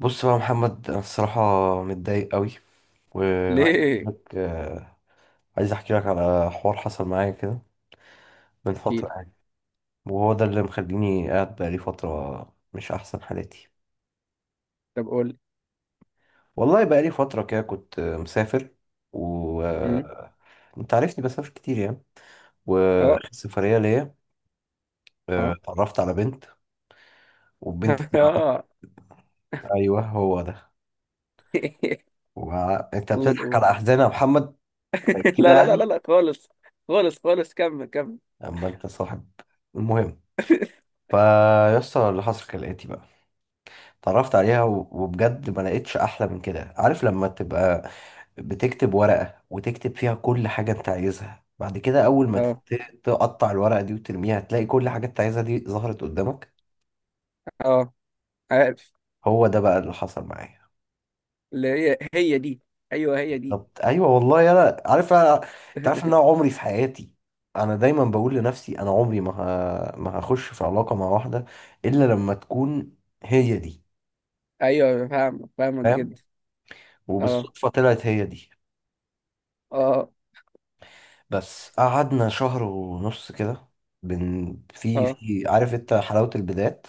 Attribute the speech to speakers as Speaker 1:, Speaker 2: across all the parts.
Speaker 1: بص بقى يا محمد، انا الصراحه متضايق قوي وعايز احكي
Speaker 2: ليه؟
Speaker 1: لك عايز احكي لك على حوار حصل معايا كده من
Speaker 2: احكي
Speaker 1: فتره
Speaker 2: لي.
Speaker 1: يعني. وهو ده اللي مخليني قاعد بقالي فتره مش احسن حالاتي.
Speaker 2: طب قول لي.
Speaker 1: والله بقالي فتره كده كنت مسافر و
Speaker 2: أمم،
Speaker 1: آه، انت عارفني بسافر كتير يعني.
Speaker 2: اه
Speaker 1: واخر سفريه ليا
Speaker 2: اه.
Speaker 1: اتعرفت على بنت، والبنت دي
Speaker 2: اه.
Speaker 1: ايوه هو ده. انت
Speaker 2: قول
Speaker 1: بتضحك على
Speaker 2: قول.
Speaker 1: احزاني يا محمد، كده
Speaker 2: لا لا لا لا
Speaker 1: يعني،
Speaker 2: لا خالص. خالص خالص كمل كمل.
Speaker 1: اما انت صاحب. المهم، فيسطا اللي حصل كالآتي بقى. اتعرفت عليها وبجد ما لقيتش احلى من كده. عارف لما تبقى بتكتب ورقة وتكتب فيها كل حاجة انت عايزها، بعد كده اول ما
Speaker 2: اه
Speaker 1: تقطع الورقة دي وترميها، تلاقي كل حاجة انت عايزها دي ظهرت قدامك.
Speaker 2: اه عارف.
Speaker 1: هو ده بقى اللي حصل معايا.
Speaker 2: اللي هي هي دي. ايوه هي دي.
Speaker 1: بالظبط، ايوه والله انا عارف. انا انت عارف ان انا عمري في حياتي، انا دايما بقول لنفسي انا عمري ما هخش في علاقة مع واحدة الا لما تكون هي دي.
Speaker 2: ايوه، فاهمك فاهمك
Speaker 1: فاهم
Speaker 2: جدا. اه
Speaker 1: وبالصدفة طلعت هي دي.
Speaker 2: اه
Speaker 1: بس قعدنا شهر ونص كده. بن في
Speaker 2: اه.
Speaker 1: في عارف انت حلاوة البدايات،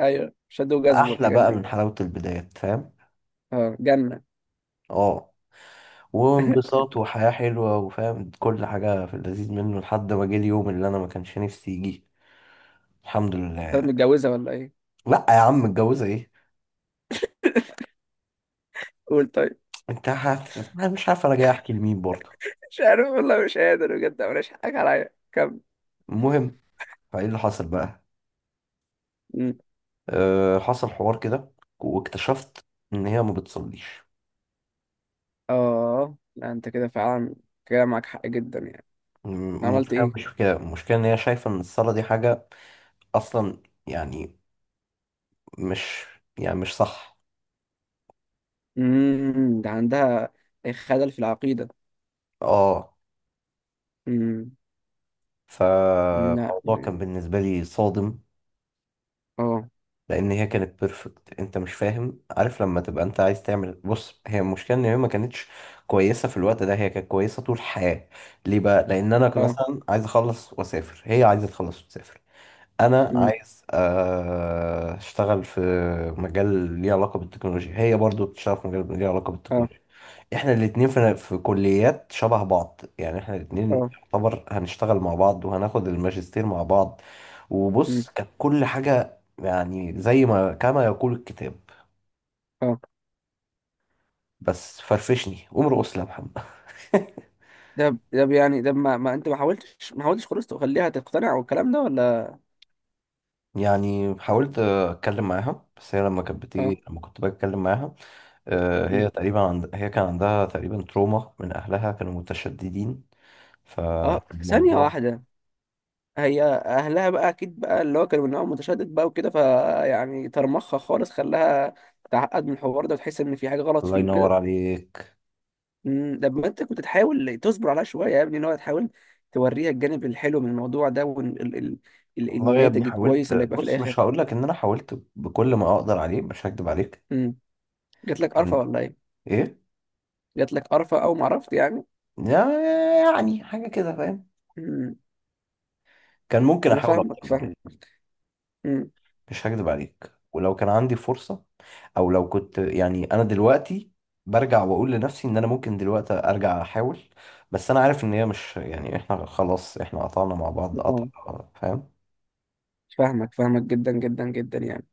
Speaker 2: ايوه، شادو جذب
Speaker 1: احلى
Speaker 2: والحاجات
Speaker 1: بقى
Speaker 2: دي.
Speaker 1: من حلاوة البدايات، فاهم؟
Speaker 2: اه، جنة.
Speaker 1: اه. وانبساط وحياة حلوة وفاهم كل حاجة في اللذيذ منه لحد ما جه اليوم اللي انا ما كانش نفسي يجي. الحمد
Speaker 2: طب،
Speaker 1: لله.
Speaker 2: متجوزة ولا ايه؟
Speaker 1: لا يا عم، متجوزة ايه!
Speaker 2: قول طيب.
Speaker 1: أنا مش عارف انا جاي احكي لمين برضه.
Speaker 2: مش عارف والله، مش قادر بجد، مفيش حاجة عليا، كمل.
Speaker 1: المهم، فايه اللي حصل بقى.
Speaker 2: أمم.
Speaker 1: أه، حصل حوار كده واكتشفت ان هي ما بتصليش.
Speaker 2: اه لا، انت كده فعلا. كده معاك حق جدا يعني.
Speaker 1: م-
Speaker 2: عملت
Speaker 1: المشكلة مش
Speaker 2: ايه؟
Speaker 1: في كده، المشكلة ان هي شايفة ان الصلاة دي حاجة اصلا، يعني مش، يعني مش صح.
Speaker 2: ده عندها خلل في العقيدة.
Speaker 1: اه.
Speaker 2: امم. لا.
Speaker 1: فالموضوع كان بالنسبه لي صادم،
Speaker 2: اه.
Speaker 1: لان هي كانت بيرفكت. انت مش فاهم؟ عارف لما تبقى انت عايز تعمل، بص، هي المشكله ان هي ما كانتش كويسه في الوقت ده، هي كانت كويسه طول الحياه. ليه بقى؟ لان انا كنت
Speaker 2: اه.
Speaker 1: مثلا عايز اخلص واسافر، هي عايزه تخلص وتسافر. انا
Speaker 2: امم.
Speaker 1: عايز اشتغل في مجال ليه علاقه بالتكنولوجيا، هي برضو بتشتغل في مجال ليه علاقه
Speaker 2: اه.
Speaker 1: بالتكنولوجيا. احنا الاتنين في كليات شبه بعض، يعني احنا الاتنين
Speaker 2: اه.
Speaker 1: يعتبر هنشتغل مع بعض وهناخد الماجستير مع بعض.
Speaker 2: امم.
Speaker 1: وبص، كانت كل حاجة يعني زي ما كما يقول الكتاب.
Speaker 2: اه.
Speaker 1: بس فرفشني قوم ارقص لي يا محمد.
Speaker 2: ده يعني ده ما انت ما حاولتش ما حاولتش خالص تخليها تقتنع والكلام ده، ولا؟
Speaker 1: يعني حاولت اتكلم معاها، بس هي لما كانت
Speaker 2: اه.
Speaker 1: بتيجي، لما كنت بتكلم معاها
Speaker 2: امم.
Speaker 1: هي تقريبا هي كان عندها تقريبا تروما من اهلها، كانوا متشددين.
Speaker 2: اه، ثانية
Speaker 1: فالموضوع.
Speaker 2: واحدة. هي اهلها بقى اكيد بقى، اللي هو كانوا من نوع متشدد بقى وكده، فيعني طرمخها خالص، خلاها تعقد من الحوار ده وتحس ان في حاجة غلط
Speaker 1: الله
Speaker 2: فيه
Speaker 1: ينور
Speaker 2: وكده.
Speaker 1: عليك.
Speaker 2: طب، ما انت كنت تحاول تصبر عليها شويه يا ابني، ان هو تحاول توريها الجانب الحلو من الموضوع ده،
Speaker 1: والله يا ابني
Speaker 2: والناتج
Speaker 1: حاولت،
Speaker 2: الكويس اللي يبقى في
Speaker 1: بص مش
Speaker 2: الاخر.
Speaker 1: هقول لك ان انا حاولت بكل ما اقدر عليه، مش هكدب عليك.
Speaker 2: مم. جات لك قرفه
Speaker 1: كان
Speaker 2: ولا ايه؟
Speaker 1: ايه؟
Speaker 2: جات لك قرفه او ما عرفت يعني.
Speaker 1: يعني حاجه كده فاهم.
Speaker 2: مم.
Speaker 1: كان ممكن
Speaker 2: انا
Speaker 1: احاول اكتر
Speaker 2: فاهمك،
Speaker 1: من
Speaker 2: فاهم.
Speaker 1: كده.
Speaker 2: مم.
Speaker 1: مش هكدب عليك، ولو كان عندي فرصه، او لو كنت يعني انا دلوقتي برجع واقول لنفسي ان انا ممكن دلوقتي ارجع احاول. بس انا عارف ان هي مش، يعني احنا خلاص، احنا قطعنا مع بعض قطع.
Speaker 2: آه،
Speaker 1: فاهم.
Speaker 2: فاهمك فاهمك جدا جدا جدا يعني.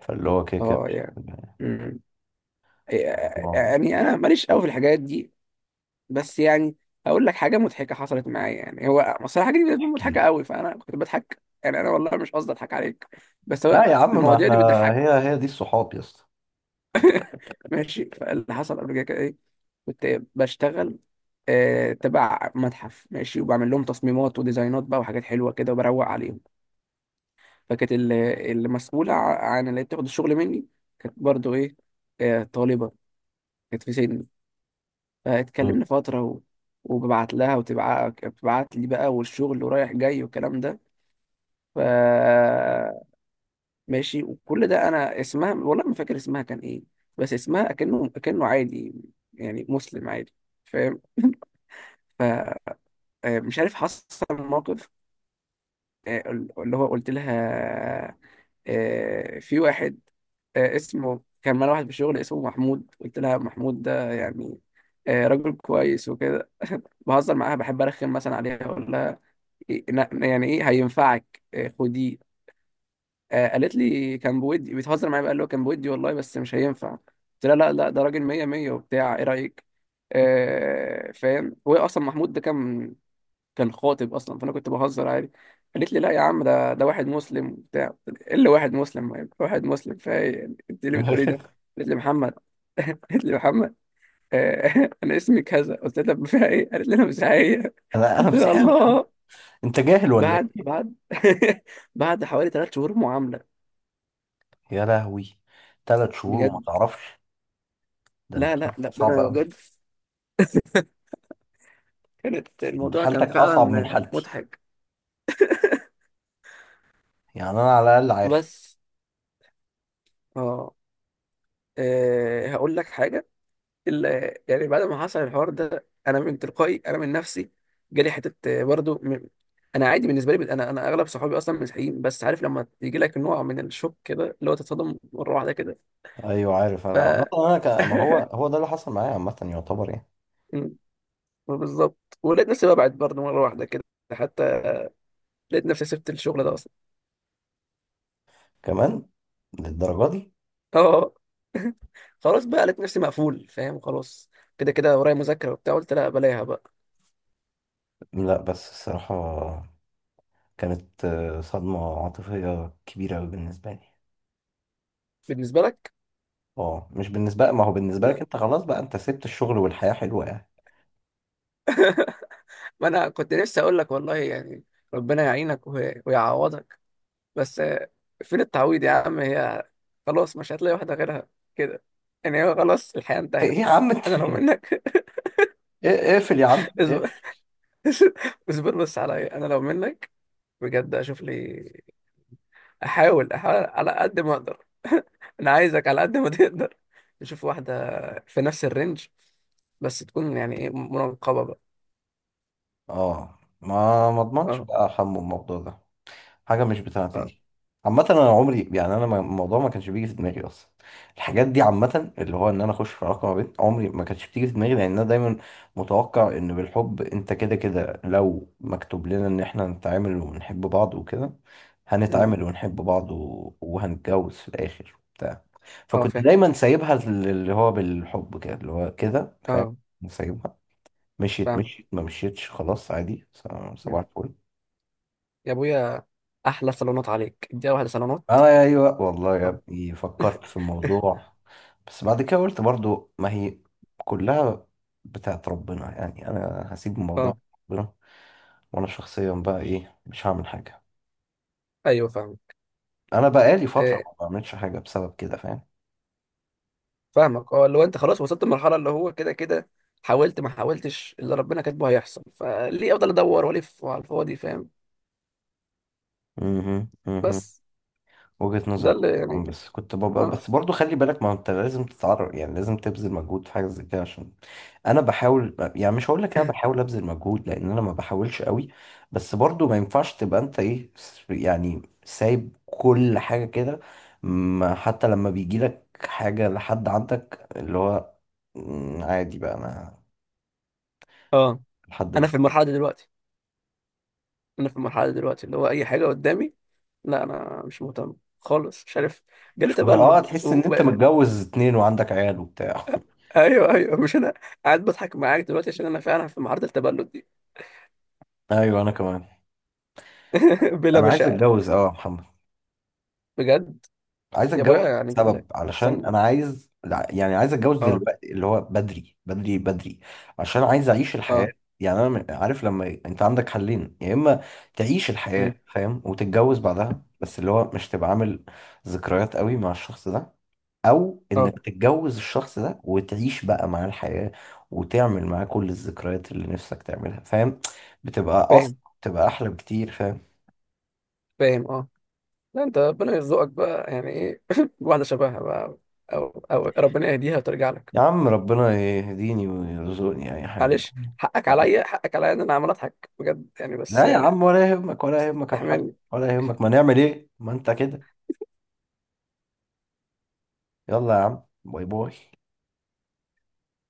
Speaker 1: فاللي هو كده كده
Speaker 2: اه
Speaker 1: مش
Speaker 2: يعني. مم.
Speaker 1: الموضوع.
Speaker 2: يعني انا ماليش قوي في الحاجات دي. بس يعني هقول لك حاجه مضحكه حصلت معايا، يعني هو اصل الحاجه دي بالنسبه لي
Speaker 1: احكي
Speaker 2: مضحكه
Speaker 1: لي.
Speaker 2: قوي، فانا كنت بضحك، يعني انا والله مش قصدي اضحك عليك. بس هو
Speaker 1: لا يا عم، ما
Speaker 2: المواضيع
Speaker 1: احنا
Speaker 2: دي بتضحك.
Speaker 1: هي هي دي الصحاب يا اسطى.
Speaker 2: ماشي، فاللي حصل قبل كده كان ايه؟ كنت بشتغل تبع متحف، ماشي، وبعمل لهم تصميمات وديزاينات بقى وحاجات حلوه كده وبروق عليهم. فكانت المسؤوله عن اللي بتاخد الشغل مني كانت برضو ايه، طالبه. كانت في سني.
Speaker 1: مم.
Speaker 2: فاتكلمنا فتره وببعت لها بتبعت لي بقى، والشغل ورايح جاي والكلام ده. ف، ماشي. وكل ده، انا اسمها والله ما فاكر اسمها كان ايه. بس اسمها اكنه عادي، يعني مسلم عادي، فاهم. فمش عارف، حصل موقف، آه، اللي هو قلت لها، في واحد، اسمه، كان معانا واحد في الشغل اسمه محمود. قلت لها محمود ده يعني راجل كويس وكده. بهزر معاها، بحب ارخم مثلا عليها، اقول لها يعني ايه هينفعك، خديه. قالت لي كان بودي، بتهزر معايا بقى، اللي هو كان بودي والله، بس مش هينفع. قلت لها لا لا، ده راجل مية مية وبتاع، ايه رأيك. فاهم، هو اصلا محمود ده كان خاطب اصلا، فانا كنت بهزر عادي. قالت لي لا يا عم، ده واحد مسلم وبتاع. قلت لها، ايه اللي واحد مسلم، يعني واحد مسلم فايه يعني؟ انت ليه بتقولي ده؟ قالت لي محمد. قالت لي محمد. انا اسمي كذا. قلت لها طب فيها ايه؟ قالت لي انا مش عاية.
Speaker 1: انا انا
Speaker 2: قلت لها
Speaker 1: مسيحي يا محمد.
Speaker 2: الله.
Speaker 1: انت جاهل ولا
Speaker 2: بعد
Speaker 1: ايه؟
Speaker 2: بعد بعد حوالي 3 شهور معاملة.
Speaker 1: يا لهوي، 3 شهور وما
Speaker 2: بجد.
Speaker 1: تعرفش؟ ده انت
Speaker 2: لا
Speaker 1: حالتك
Speaker 2: لا لا.
Speaker 1: صعبه قوي.
Speaker 2: بجد، كانت
Speaker 1: انت
Speaker 2: الموضوع كان
Speaker 1: حالتك اصعب من
Speaker 2: فعلا
Speaker 1: حالتي،
Speaker 2: مضحك.
Speaker 1: يعني انا على الاقل عارف.
Speaker 2: بس اه، هقول لك حاجة. يعني بعد ما حصل الحوار ده، أنا من تلقائي، أنا من نفسي، جالي حتة برضو أنا عادي بالنسبة لي، أنا أغلب صحابي أصلا مسيحيين، بس عارف لما يجي لك نوع من الشوك كده، اللي هو تتصدم مرة واحدة كده.
Speaker 1: ايوه عارف.
Speaker 2: ف
Speaker 1: انا عامه انا ما هو هو ده اللي حصل معايا عامه يعتبر يعني.
Speaker 2: م، بالظبط. ولقيت نفسي ببعد برضو مرة واحدة كده، حتى لقيت نفسي سبت الشغل ده أصلا.
Speaker 1: كمان للدرجه دي؟
Speaker 2: اه خلاص بقى، لقيت نفسي مقفول، فاهم. خلاص كده كده ورايا مذاكرة وبتاع، قلت لا بلاها بقى.
Speaker 1: لا بس الصراحه كانت صدمه عاطفيه كبيره قوي بالنسبه لي.
Speaker 2: بالنسبة لك؟
Speaker 1: اه مش بالنسبه، ما هو بالنسبه لك
Speaker 2: لا،
Speaker 1: انت خلاص بقى، انت سبت الشغل والحياه حلوه يعني.
Speaker 2: ما انا كنت نفسي اقول لك والله يعني، ربنا يعينك ويعوضك. بس فين التعويض يا عم، هي خلاص مش هتلاقي واحدة غيرها كده، يعني هو خلاص، الحياة
Speaker 1: ايه
Speaker 2: انتهت.
Speaker 1: يا عم انت
Speaker 2: انا لو
Speaker 1: ايه-
Speaker 2: منك.
Speaker 1: اقفل يا عم
Speaker 2: اصبر.
Speaker 1: اقفل.
Speaker 2: اصبر بس عليا، انا لو منك بجد، اشوف لي، احاول احاول على قد ما اقدر. انا عايزك على قد ما تقدر نشوف واحده في نفس الرينج، بس تكون يعني ايه، منقبه بقى.
Speaker 1: اه، ما اضمنش
Speaker 2: اه
Speaker 1: بقى حمو الموضوع ده. حاجه مش بتاعتي
Speaker 2: اه.
Speaker 1: دي. عامه انا عمري يعني انا الموضوع ما كانش بيجي في دماغي اصلا. الحاجات دي عامه اللي هو ان انا اخش في علاقه ما بين عمري ما كانتش بتيجي في دماغي، لان انا دايما متوقع ان بالحب انت كده كده لو مكتوب لنا ان احنا نتعامل ونحب بعض وكده
Speaker 2: أمم.
Speaker 1: هنتعامل ونحب بعض وهنتجوز في الاخر بتاع.
Speaker 2: اه
Speaker 1: فكنت
Speaker 2: فاهم.
Speaker 1: دايما سايبها اللي هو بالحب كده اللي هو كده فاهم.
Speaker 2: اه
Speaker 1: سايبها، مشيت
Speaker 2: فاهم.
Speaker 1: مشيت، ما مشيتش خلاص عادي
Speaker 2: أمم.
Speaker 1: صباح الفل.
Speaker 2: يا ابويا، احلى صالونات عليك، اديها واحده صالونات.
Speaker 1: اه ايوه والله يا
Speaker 2: اه.
Speaker 1: ابني فكرت في الموضوع. بس بعد كده قلت برضو ما هي كلها بتاعت ربنا، يعني انا هسيب
Speaker 2: آه.
Speaker 1: الموضوع ربنا، وانا شخصيا بقى ايه مش هعمل حاجه.
Speaker 2: ايوه فاهم.
Speaker 1: انا بقالي فتره
Speaker 2: إيه.
Speaker 1: ما بعملش حاجه بسبب كده فاهم.
Speaker 2: فاهمك، اه اللي هو انت خلاص وصلت لمرحله، اللي هو كده كده، حاولت ما حاولتش، اللي ربنا كاتبه هيحصل، فليه افضل ادور والف على الفاضي، فاهم.
Speaker 1: مهم، مهم.
Speaker 2: بس
Speaker 1: وجهة
Speaker 2: ده
Speaker 1: نظر.
Speaker 2: اللي يعني
Speaker 1: طبعاً،
Speaker 2: كده.
Speaker 1: بس كنت ببقى،
Speaker 2: اه.
Speaker 1: بس برضو خلي بالك، ما انت لازم تتعرف، يعني لازم تبذل مجهود في حاجة زي كده عشان. انا بحاول، يعني مش هقول لك انا بحاول ابذل مجهود، لان انا ما بحاولش قوي. بس برضو ما ينفعش تبقى انت ايه، يعني سايب كل حاجة كده. ما- حتى لما بيجي لك حاجة لحد عندك اللي هو مم، عادي بقى. انا
Speaker 2: اه.
Speaker 1: لحد
Speaker 2: انا في
Speaker 1: مش
Speaker 2: المرحله دي دلوقتي، انا في المرحله دي دلوقتي اللي هو اي حاجه قدامي، لا انا مش مهتم خالص، مش عارف، جالي
Speaker 1: مش مهم. اه،
Speaker 2: تبلد
Speaker 1: تحس ان انت متجوز اتنين وعندك عيال وبتاع.
Speaker 2: ايوه ايوه، مش انا قاعد بضحك معاك دلوقتي عشان انا فعلا في معرض التبلد دي.
Speaker 1: ايوه انا كمان.
Speaker 2: بلا
Speaker 1: انا عايز
Speaker 2: مشاعر.
Speaker 1: اتجوز اه محمد.
Speaker 2: بجد.
Speaker 1: عايز
Speaker 2: يا
Speaker 1: اتجوز
Speaker 2: ابويا، يعني كان
Speaker 1: سبب
Speaker 2: لك
Speaker 1: علشان
Speaker 2: سن.
Speaker 1: انا عايز، لا، يعني عايز اتجوز
Speaker 2: اه
Speaker 1: دلوقتي اللي هو بدري بدري بدري. عشان عايز اعيش الحياة.
Speaker 2: اه.
Speaker 1: يعني انا عارف لما انت عندك حلين، يا اما تعيش الحياة
Speaker 2: أمم،
Speaker 1: فاهم وتتجوز بعدها، بس اللي هو مش تبقى عامل ذكريات قوي مع الشخص ده، او
Speaker 2: اه
Speaker 1: انك تتجوز الشخص ده وتعيش بقى معاه الحياة وتعمل معاه كل الذكريات اللي نفسك تعملها فاهم. بتبقى اصلا،
Speaker 2: فاهم
Speaker 1: بتبقى احلى بكتير فاهم.
Speaker 2: فاهم. اه لا، انت ربنا يرزقك بقى، يعني ايه، واحده شبهها بقى، او ربنا يهديها وترجع لك.
Speaker 1: يا عم ربنا يهديني ويرزقني اي حاجة.
Speaker 2: معلش، حقك عليا، حقك عليا ان انا عمال اضحك بجد يعني، بس
Speaker 1: لا يا عم ولا يهمك، ولا يهمك يا محمد،
Speaker 2: استحملني.
Speaker 1: ولا يهمك، ما نعمل ايه، ما انت كده. يلا يا عم، باي باي.